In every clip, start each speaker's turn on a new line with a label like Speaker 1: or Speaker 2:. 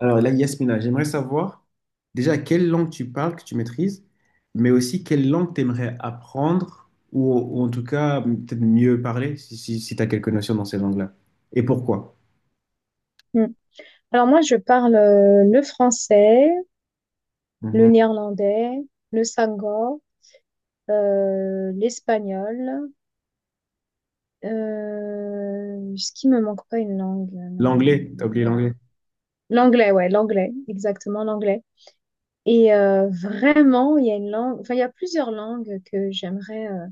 Speaker 1: Alors là, Yasmina, j'aimerais savoir déjà quelle langue tu parles, que tu maîtrises, mais aussi quelle langue tu aimerais apprendre ou en tout cas peut-être mieux parler si, tu as quelques notions dans ces langues-là. Et pourquoi?
Speaker 2: Mm. Alors moi, je parle le français, le
Speaker 1: Mhm.
Speaker 2: néerlandais, le sango, l'espagnol. Ce qui me manque pas une langue. Non, non, non,
Speaker 1: L'anglais, t'as
Speaker 2: non, non,
Speaker 1: oublié
Speaker 2: voilà.
Speaker 1: l'anglais.
Speaker 2: L'anglais, ouais, l'anglais, exactement l'anglais. Et vraiment, il y a une langue, enfin, il y a plusieurs langues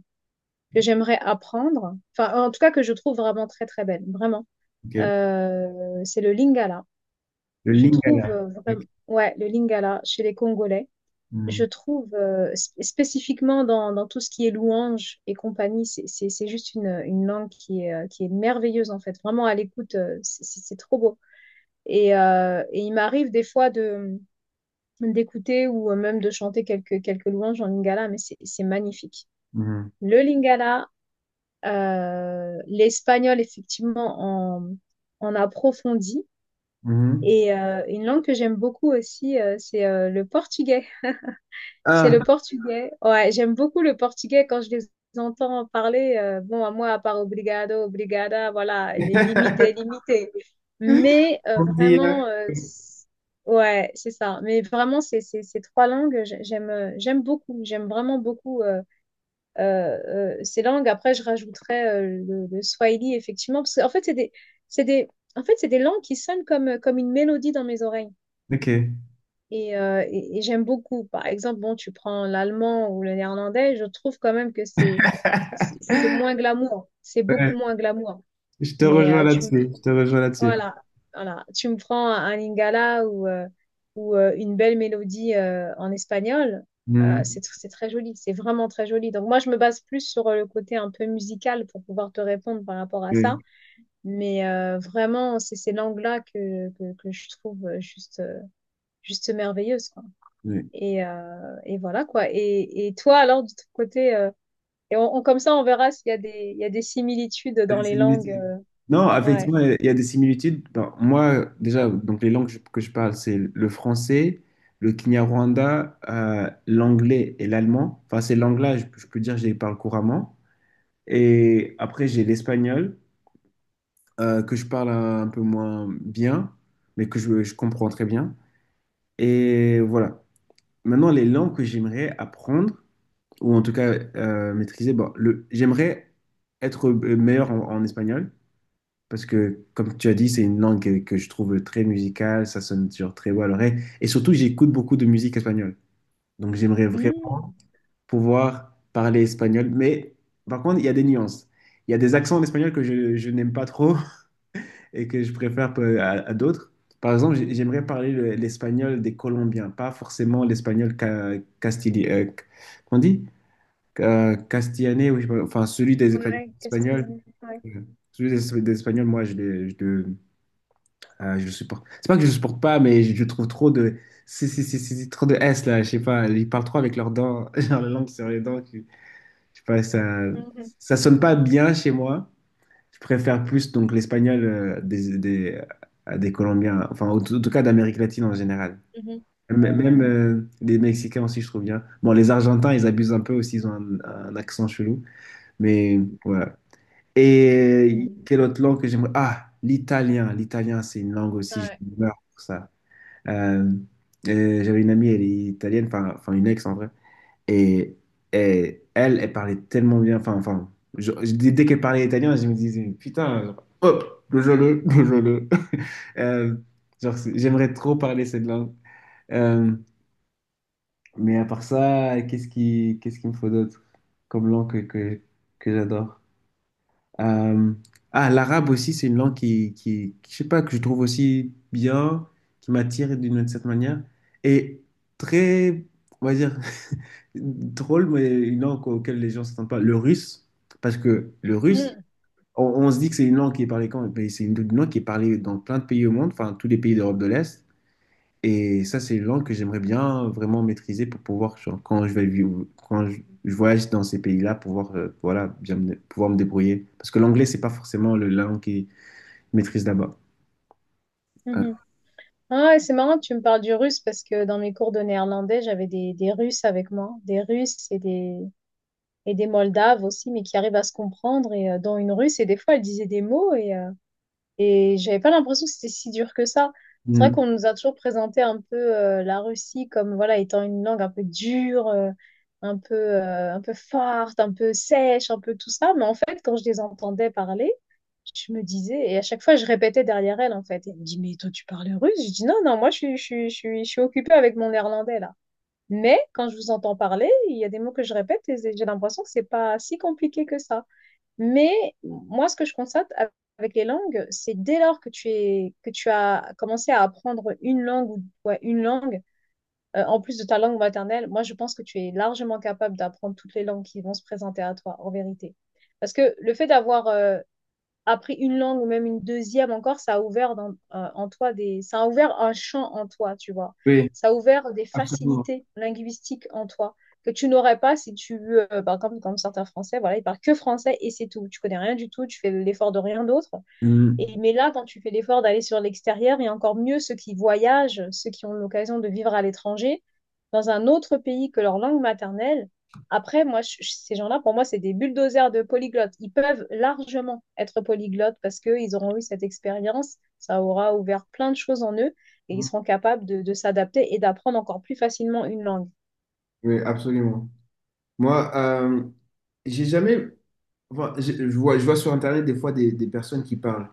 Speaker 2: que j'aimerais apprendre. Enfin, en tout cas, que je trouve vraiment très très belle, vraiment.
Speaker 1: Ok.
Speaker 2: C'est le lingala.
Speaker 1: Le
Speaker 2: Je trouve
Speaker 1: lingala. Ok.
Speaker 2: vraiment, ouais, le lingala chez les Congolais.
Speaker 1: Mhm.
Speaker 2: Je trouve spécifiquement dans, dans tout ce qui est louange et compagnie, c'est juste une langue qui est merveilleuse en fait. Vraiment à l'écoute, c'est trop beau. Et il m'arrive des fois de d'écouter ou même de chanter quelques, quelques louanges en lingala, mais c'est magnifique.
Speaker 1: Mhm.
Speaker 2: Le lingala, l'espagnol effectivement en, en approfondit.
Speaker 1: Mhm.
Speaker 2: Et une langue que j'aime beaucoup aussi, c'est le portugais. C'est
Speaker 1: Ah,
Speaker 2: le portugais. Ouais, j'aime beaucoup le portugais quand je les entends parler. Bon, à moi, à part obrigado, obrigada, voilà, il est limité, limité. Mais
Speaker 1: on dit,
Speaker 2: vraiment,
Speaker 1: hein.
Speaker 2: ouais, c'est ça. Mais vraiment, ces trois langues, j'aime, j'aime beaucoup. J'aime vraiment beaucoup euh, ces langues. Après, je rajouterais le swahili, effectivement, parce qu'en fait, c'est des, en fait, c'est des langues qui sonnent comme, comme une mélodie dans mes oreilles.
Speaker 1: Ok.
Speaker 2: Et, et j'aime beaucoup. Par exemple, bon, tu prends l'allemand ou le néerlandais, je trouve quand même que c'est moins glamour. C'est
Speaker 1: Ouais,
Speaker 2: beaucoup moins glamour.
Speaker 1: je te
Speaker 2: Mais
Speaker 1: rejoins
Speaker 2: tu me
Speaker 1: là-dessus. Je te rejoins là-dessus.
Speaker 2: voilà, voilà, tu me prends un lingala ou une belle mélodie en espagnol,
Speaker 1: Mhm.
Speaker 2: c'est très joli. C'est vraiment très joli. Donc moi, je me base plus sur le côté un peu musical pour pouvoir te répondre par rapport à ça.
Speaker 1: Oui.
Speaker 2: Mais vraiment, c'est ces langues-là que je trouve juste juste merveilleuses, quoi.
Speaker 1: Oui.
Speaker 2: Et voilà quoi. Et toi, alors, de ton côté, et comme ça, on verra s'il y a il y a des similitudes
Speaker 1: Il y a
Speaker 2: dans
Speaker 1: des
Speaker 2: les langues.
Speaker 1: similitudes. Non,
Speaker 2: Ouais.
Speaker 1: effectivement, il y a des similitudes. Ben, moi, déjà, donc les langues que je parle, c'est le français, le Kinyarwanda, l'anglais et l'allemand. Enfin, ces langues-là, je peux dire, je les parle couramment. Et après, j'ai l'espagnol, que je parle un peu moins bien, mais que je comprends très bien. Et voilà. Maintenant, les langues que j'aimerais apprendre, ou en tout cas maîtriser, bon, j'aimerais être meilleur en espagnol. Parce que, comme tu as dit, c'est une langue que je trouve très musicale, ça sonne toujours très beau à l'oreille. Et surtout, j'écoute beaucoup de musique espagnole. Donc, j'aimerais vraiment
Speaker 2: Hmm.
Speaker 1: pouvoir parler espagnol. Mais par contre, il y a des nuances. Il y a des accents en espagnol que je n'aime pas trop et que je préfère peu- à d'autres. Par exemple, j'aimerais parler le- l'espagnol des Colombiens, pas forcément l'espagnol ca, castili- qu'on dit? Castillané, oui, je sais pas, enfin, celui des Espagnols.
Speaker 2: Ouais,
Speaker 1: Espagnols.
Speaker 2: castillanais. Ouais.
Speaker 1: euh, Celui des Espagnols, moi, je le supporte. C'est pas que je le supporte pas, mais je trouve trop de. C'est trop de S là, je sais pas. Ils parlent trop avec leurs dents, genre la langue sur les dents. Que- je sais pas,
Speaker 2: Mhm,
Speaker 1: ça sonne pas bien chez moi. Je préfère plus donc l'espagnol des Colombiens, enfin, en tout cas d'Amérique latine en général.
Speaker 2: mhm.
Speaker 1: M-
Speaker 2: Ouais, ouais.
Speaker 1: Même les Mexicains aussi, je trouve bien. Bon, les Argentins, ils abusent un peu aussi, ils ont un accent chelou, mais voilà. Et
Speaker 2: Mhm.
Speaker 1: quelle autre langue que j'aimerais? Ah, l'italien. L'italien, c'est une langue aussi, je
Speaker 2: Ouais.
Speaker 1: meurs pour ça. Euh, et j'avais une amie, elle est italienne, enfin une ex en vrai. Et, et elle, elle parlait tellement bien. Enfin, enfin, dès qu'elle parlait italien, je me disais, putain, genre, hop, le jeu le. Euh, genre, c'est- j'aimerais trop parler cette langue. Euh, mais à part ça, qu'est-ce qu'il me faut d'autre comme langue que, que j'adore? Euh, ah, l'arabe aussi, c'est une langue qui- je sais pas, que je trouve aussi bien, qui m'attire d'une certaine manière. Et très, on va dire, drôle, mais une langue auquel les gens ne s'attendent pas. Le russe, parce que le russe,
Speaker 2: Mhm.
Speaker 1: on se dit que c'est une langue qui est parlée quand? Mais c'est une langue qui est parlée dans plein de pays au monde, enfin, tous les pays d'Europe de l'Est. Et ça, c'est une langue que j'aimerais bien vraiment maîtriser pour pouvoir, genre, quand je vais vivre, je voyage dans ces pays-là, pouvoir, voilà, bien me- pouvoir me débrouiller. Parce que l'anglais, c'est pas forcément le la langue qu'ils maîtrisent là-bas. Euh,
Speaker 2: Mhm. Ah ouais, c'est marrant que tu me parles du russe parce que dans mes cours de néerlandais, j'avais des Russes avec moi, des Russes et des Moldaves aussi, mais qui arrivent à se comprendre et dont une Russe et des fois elle disait des mots et et j'avais pas l'impression que c'était si dur que ça. C'est vrai
Speaker 1: mm,
Speaker 2: qu'on nous a toujours présenté un peu la Russie comme voilà étant une langue un peu dure, un peu forte, un peu sèche, un peu tout ça. Mais en fait, quand je les entendais parler, je me disais et à chaque fois je répétais derrière elle en fait. Elle me dit mais toi tu parles russe? Je dis non non moi je suis occupée avec mon néerlandais là. Mais quand je vous entends parler, il y a des mots que je répète et j'ai l'impression que c'est pas si compliqué que ça. Mais moi, ce que je constate avec les langues, c'est dès lors que que tu as commencé à apprendre une langue ou ouais, une langue, en plus de ta langue maternelle, moi, je pense que tu es largement capable d'apprendre toutes les langues qui vont se présenter à toi, en vérité. Parce que le fait d'avoir appris une langue ou même une deuxième encore, ça a ouvert un champ en toi, tu vois.
Speaker 1: Oui,
Speaker 2: Ça a ouvert des
Speaker 1: absolument.
Speaker 2: facilités linguistiques en toi que tu n'aurais pas si tu, par exemple, comme certains Français, voilà, ils parlent que français et c'est tout. Tu connais rien du tout, tu fais l'effort de rien d'autre. Et,
Speaker 1: mm,
Speaker 2: mais là, quand tu fais l'effort d'aller sur l'extérieur, et encore mieux ceux qui voyagent, ceux qui ont l'occasion de vivre à l'étranger, dans un autre pays que leur langue maternelle, après, ces gens-là, pour moi, c'est des bulldozers de polyglottes. Ils peuvent largement être polyglottes parce qu'ils auront eu cette expérience, ça aura ouvert plein de choses en eux, et ils seront capables de s'adapter et d'apprendre encore plus facilement une langue.
Speaker 1: Oui, absolument. Moi, j'ai jamais enfin, des personnes qui parlent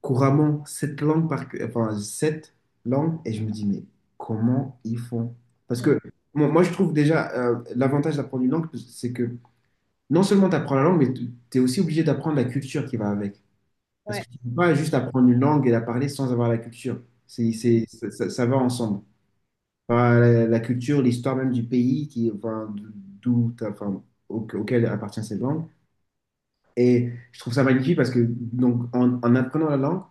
Speaker 1: couramment cette langue par cœur- enfin cette langue et je me dis mais comment ils font? Parce
Speaker 2: Mm.
Speaker 1: que je trouve déjà l'avantage d'apprendre une langue c'est que non seulement tu apprends la langue, mais tu es aussi obligé d'apprendre la culture qui va avec. Parce que
Speaker 2: Ouais.
Speaker 1: tu ne peux pas juste apprendre une langue et la parler sans avoir la culture.
Speaker 2: Mm.
Speaker 1: Ça va ensemble. Enfin, la culture, l'histoire même du pays qui, enfin, d'où, t'as- enfin, au- auquel appartient cette langue. Et je trouve ça magnifique parce que donc, en apprenant la langue,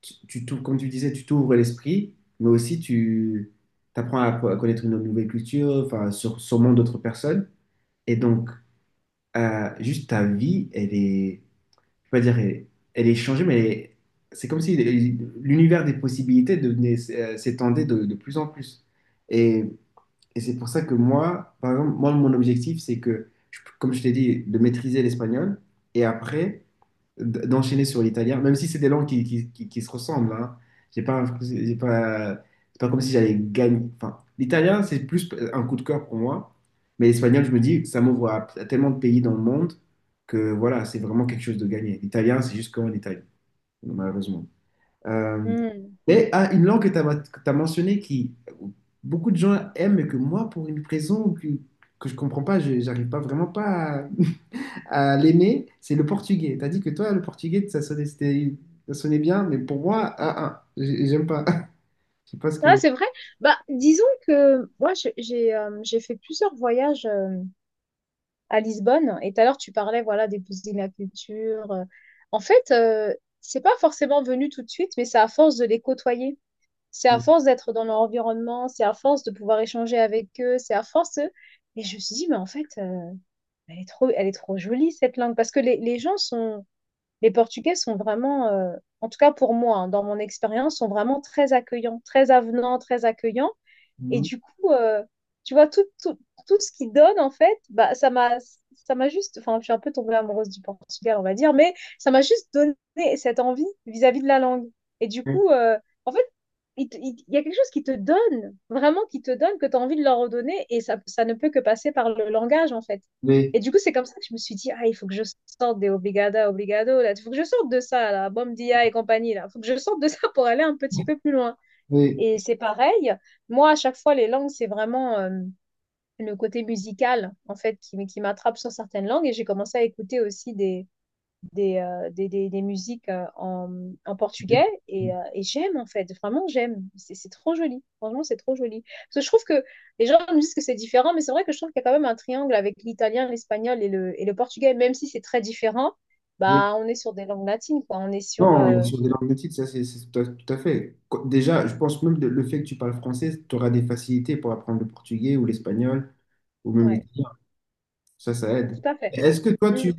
Speaker 1: tu t'ouvres- comme tu disais, tu t'ouvres l'esprit, mais aussi tu apprends à connaître une nouvelle culture, enfin, sur, sûrement d'autres personnes. Et donc, juste ta vie, elle est je vais pas dire, elle, elle est changée, mais elle est- c'est comme si l'univers des possibilités devenait, s'étendait de plus en plus. Et, et c'est pour ça que moi, par exemple, moi, mon objectif, c'est que, je- comme je t'ai dit, de maîtriser l'espagnol. Et après, d'enchaîner sur l'italien, même si c'est des langues qui se ressemblent. Hein. J'ai pas, un- j'ai pas, c'est pas comme si j'allais gagner. Enfin, l'italien, c'est plus un coup de cœur pour moi, mais l'espagnol, je me dis, ça m'ouvre à tellement de pays dans le monde que voilà, c'est vraiment quelque chose de gagné. L'italien, c'est juste qu'en Italie, malheureusement. Euh,
Speaker 2: Mm.
Speaker 1: mais ah, une langue que tu as, mentionnée qui beaucoup de gens aiment, mais que moi, pour une raison que je comprends pas, je j'arrive pas vraiment pas à l'aimer, c'est le portugais. T'as dit que toi, le portugais, ça sonnait, c'était- ça sonnait bien, mais pour moi, ah, j'ai- j'aime pas. Je sais pas ce
Speaker 2: Ah,
Speaker 1: que.
Speaker 2: c'est vrai. Bah, disons que moi, j'ai fait plusieurs voyages. À Lisbonne. Et tout à l'heure, tu parlais voilà, des poussinacutures. En fait, c'est pas forcément venu tout de suite, mais c'est à force de les côtoyer. C'est à force d'être dans leur environnement, c'est à force de pouvoir échanger avec eux, c'est à force. De- Et je me suis dit, mais en fait, elle est trop jolie cette langue. Parce que les gens sont, les Portugais sont vraiment, en tout cas pour moi, hein, dans mon expérience, sont vraiment très accueillants, très avenants, très accueillants. Et
Speaker 1: Mhm.
Speaker 2: du coup, tu vois, tout ce qu'il donne, en fait, bah, ça m'a juste, enfin, je suis un peu tombée amoureuse du portugais, on va dire, mais ça m'a juste donné cette envie vis-à-vis de la langue. Et du coup, en fait, il y a quelque chose qui te donne, vraiment qui te donne, que tu as envie de leur redonner, et ça ne peut que passer par le langage, en fait.
Speaker 1: Mais,
Speaker 2: Et du coup, c'est comme ça que je me suis dit, ah, il faut que je sorte des obrigada obrigado là, il faut que je sorte de ça, là, bom dia et compagnie, là, il faut que je sorte de ça pour aller un petit peu plus loin.
Speaker 1: mais,
Speaker 2: Et c'est pareil, moi, à chaque fois, les langues, c'est vraiment le côté musical, en fait, qui m'attrape sur certaines langues. Et j'ai commencé à écouter aussi des musiques en portugais. Et j'aime, en fait, vraiment, j'aime. C'est trop joli. Franchement, c'est trop joli. Parce que je trouve que les gens me disent que c'est différent, mais c'est vrai que je trouve qu'il y a quand même un triangle avec l'italien, l'espagnol et et le portugais. Même si c'est très différent,
Speaker 1: mais-
Speaker 2: bah, on est sur des langues latines, quoi. On est sur...
Speaker 1: non, sur des langues nautiques, ça, c'est tout à, tout à fait. Qu- Déjà, je pense même de- le fait que tu parles français, tu auras des facilités pour apprendre le portugais ou l'espagnol ou même
Speaker 2: Ouais,
Speaker 1: l'italien. Ça
Speaker 2: tout
Speaker 1: aide.
Speaker 2: à fait.
Speaker 1: Est-ce que
Speaker 2: Mm.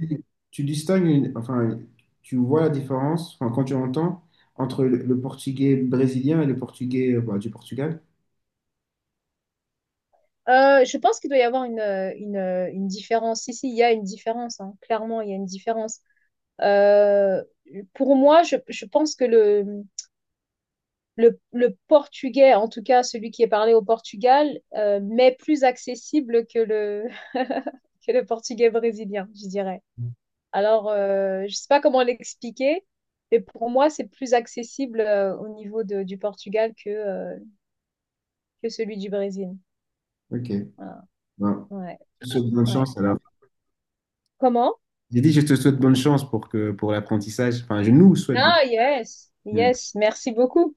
Speaker 1: tu distingues, une- enfin, tu vois la différence, enfin, quand tu entends, entre le portugais brésilien et le portugais, bah, du Portugal?
Speaker 2: Je pense qu'il doit y avoir une différence. Si, si, il y a une différence, hein. Clairement, il y a une différence. Euh, pour moi, je pense que le portugais, en tout cas celui qui est parlé au Portugal, m'est plus accessible que le, que le portugais brésilien, je dirais. Alors, je sais pas comment l'expliquer, mais pour moi, c'est plus accessible du Portugal que celui du Brésil.
Speaker 1: Ok.
Speaker 2: Voilà.
Speaker 1: Bon,
Speaker 2: Ouais,
Speaker 1: je te souhaite bonne
Speaker 2: ouais.
Speaker 1: chance
Speaker 2: Ah,
Speaker 1: alors.
Speaker 2: comment?
Speaker 1: J'ai dit, je te souhaite bonne chance pour que pour l'apprentissage. Enfin, je nous souhaite bonne
Speaker 2: Ah,
Speaker 1: chance.
Speaker 2: yes, yes, merci beaucoup.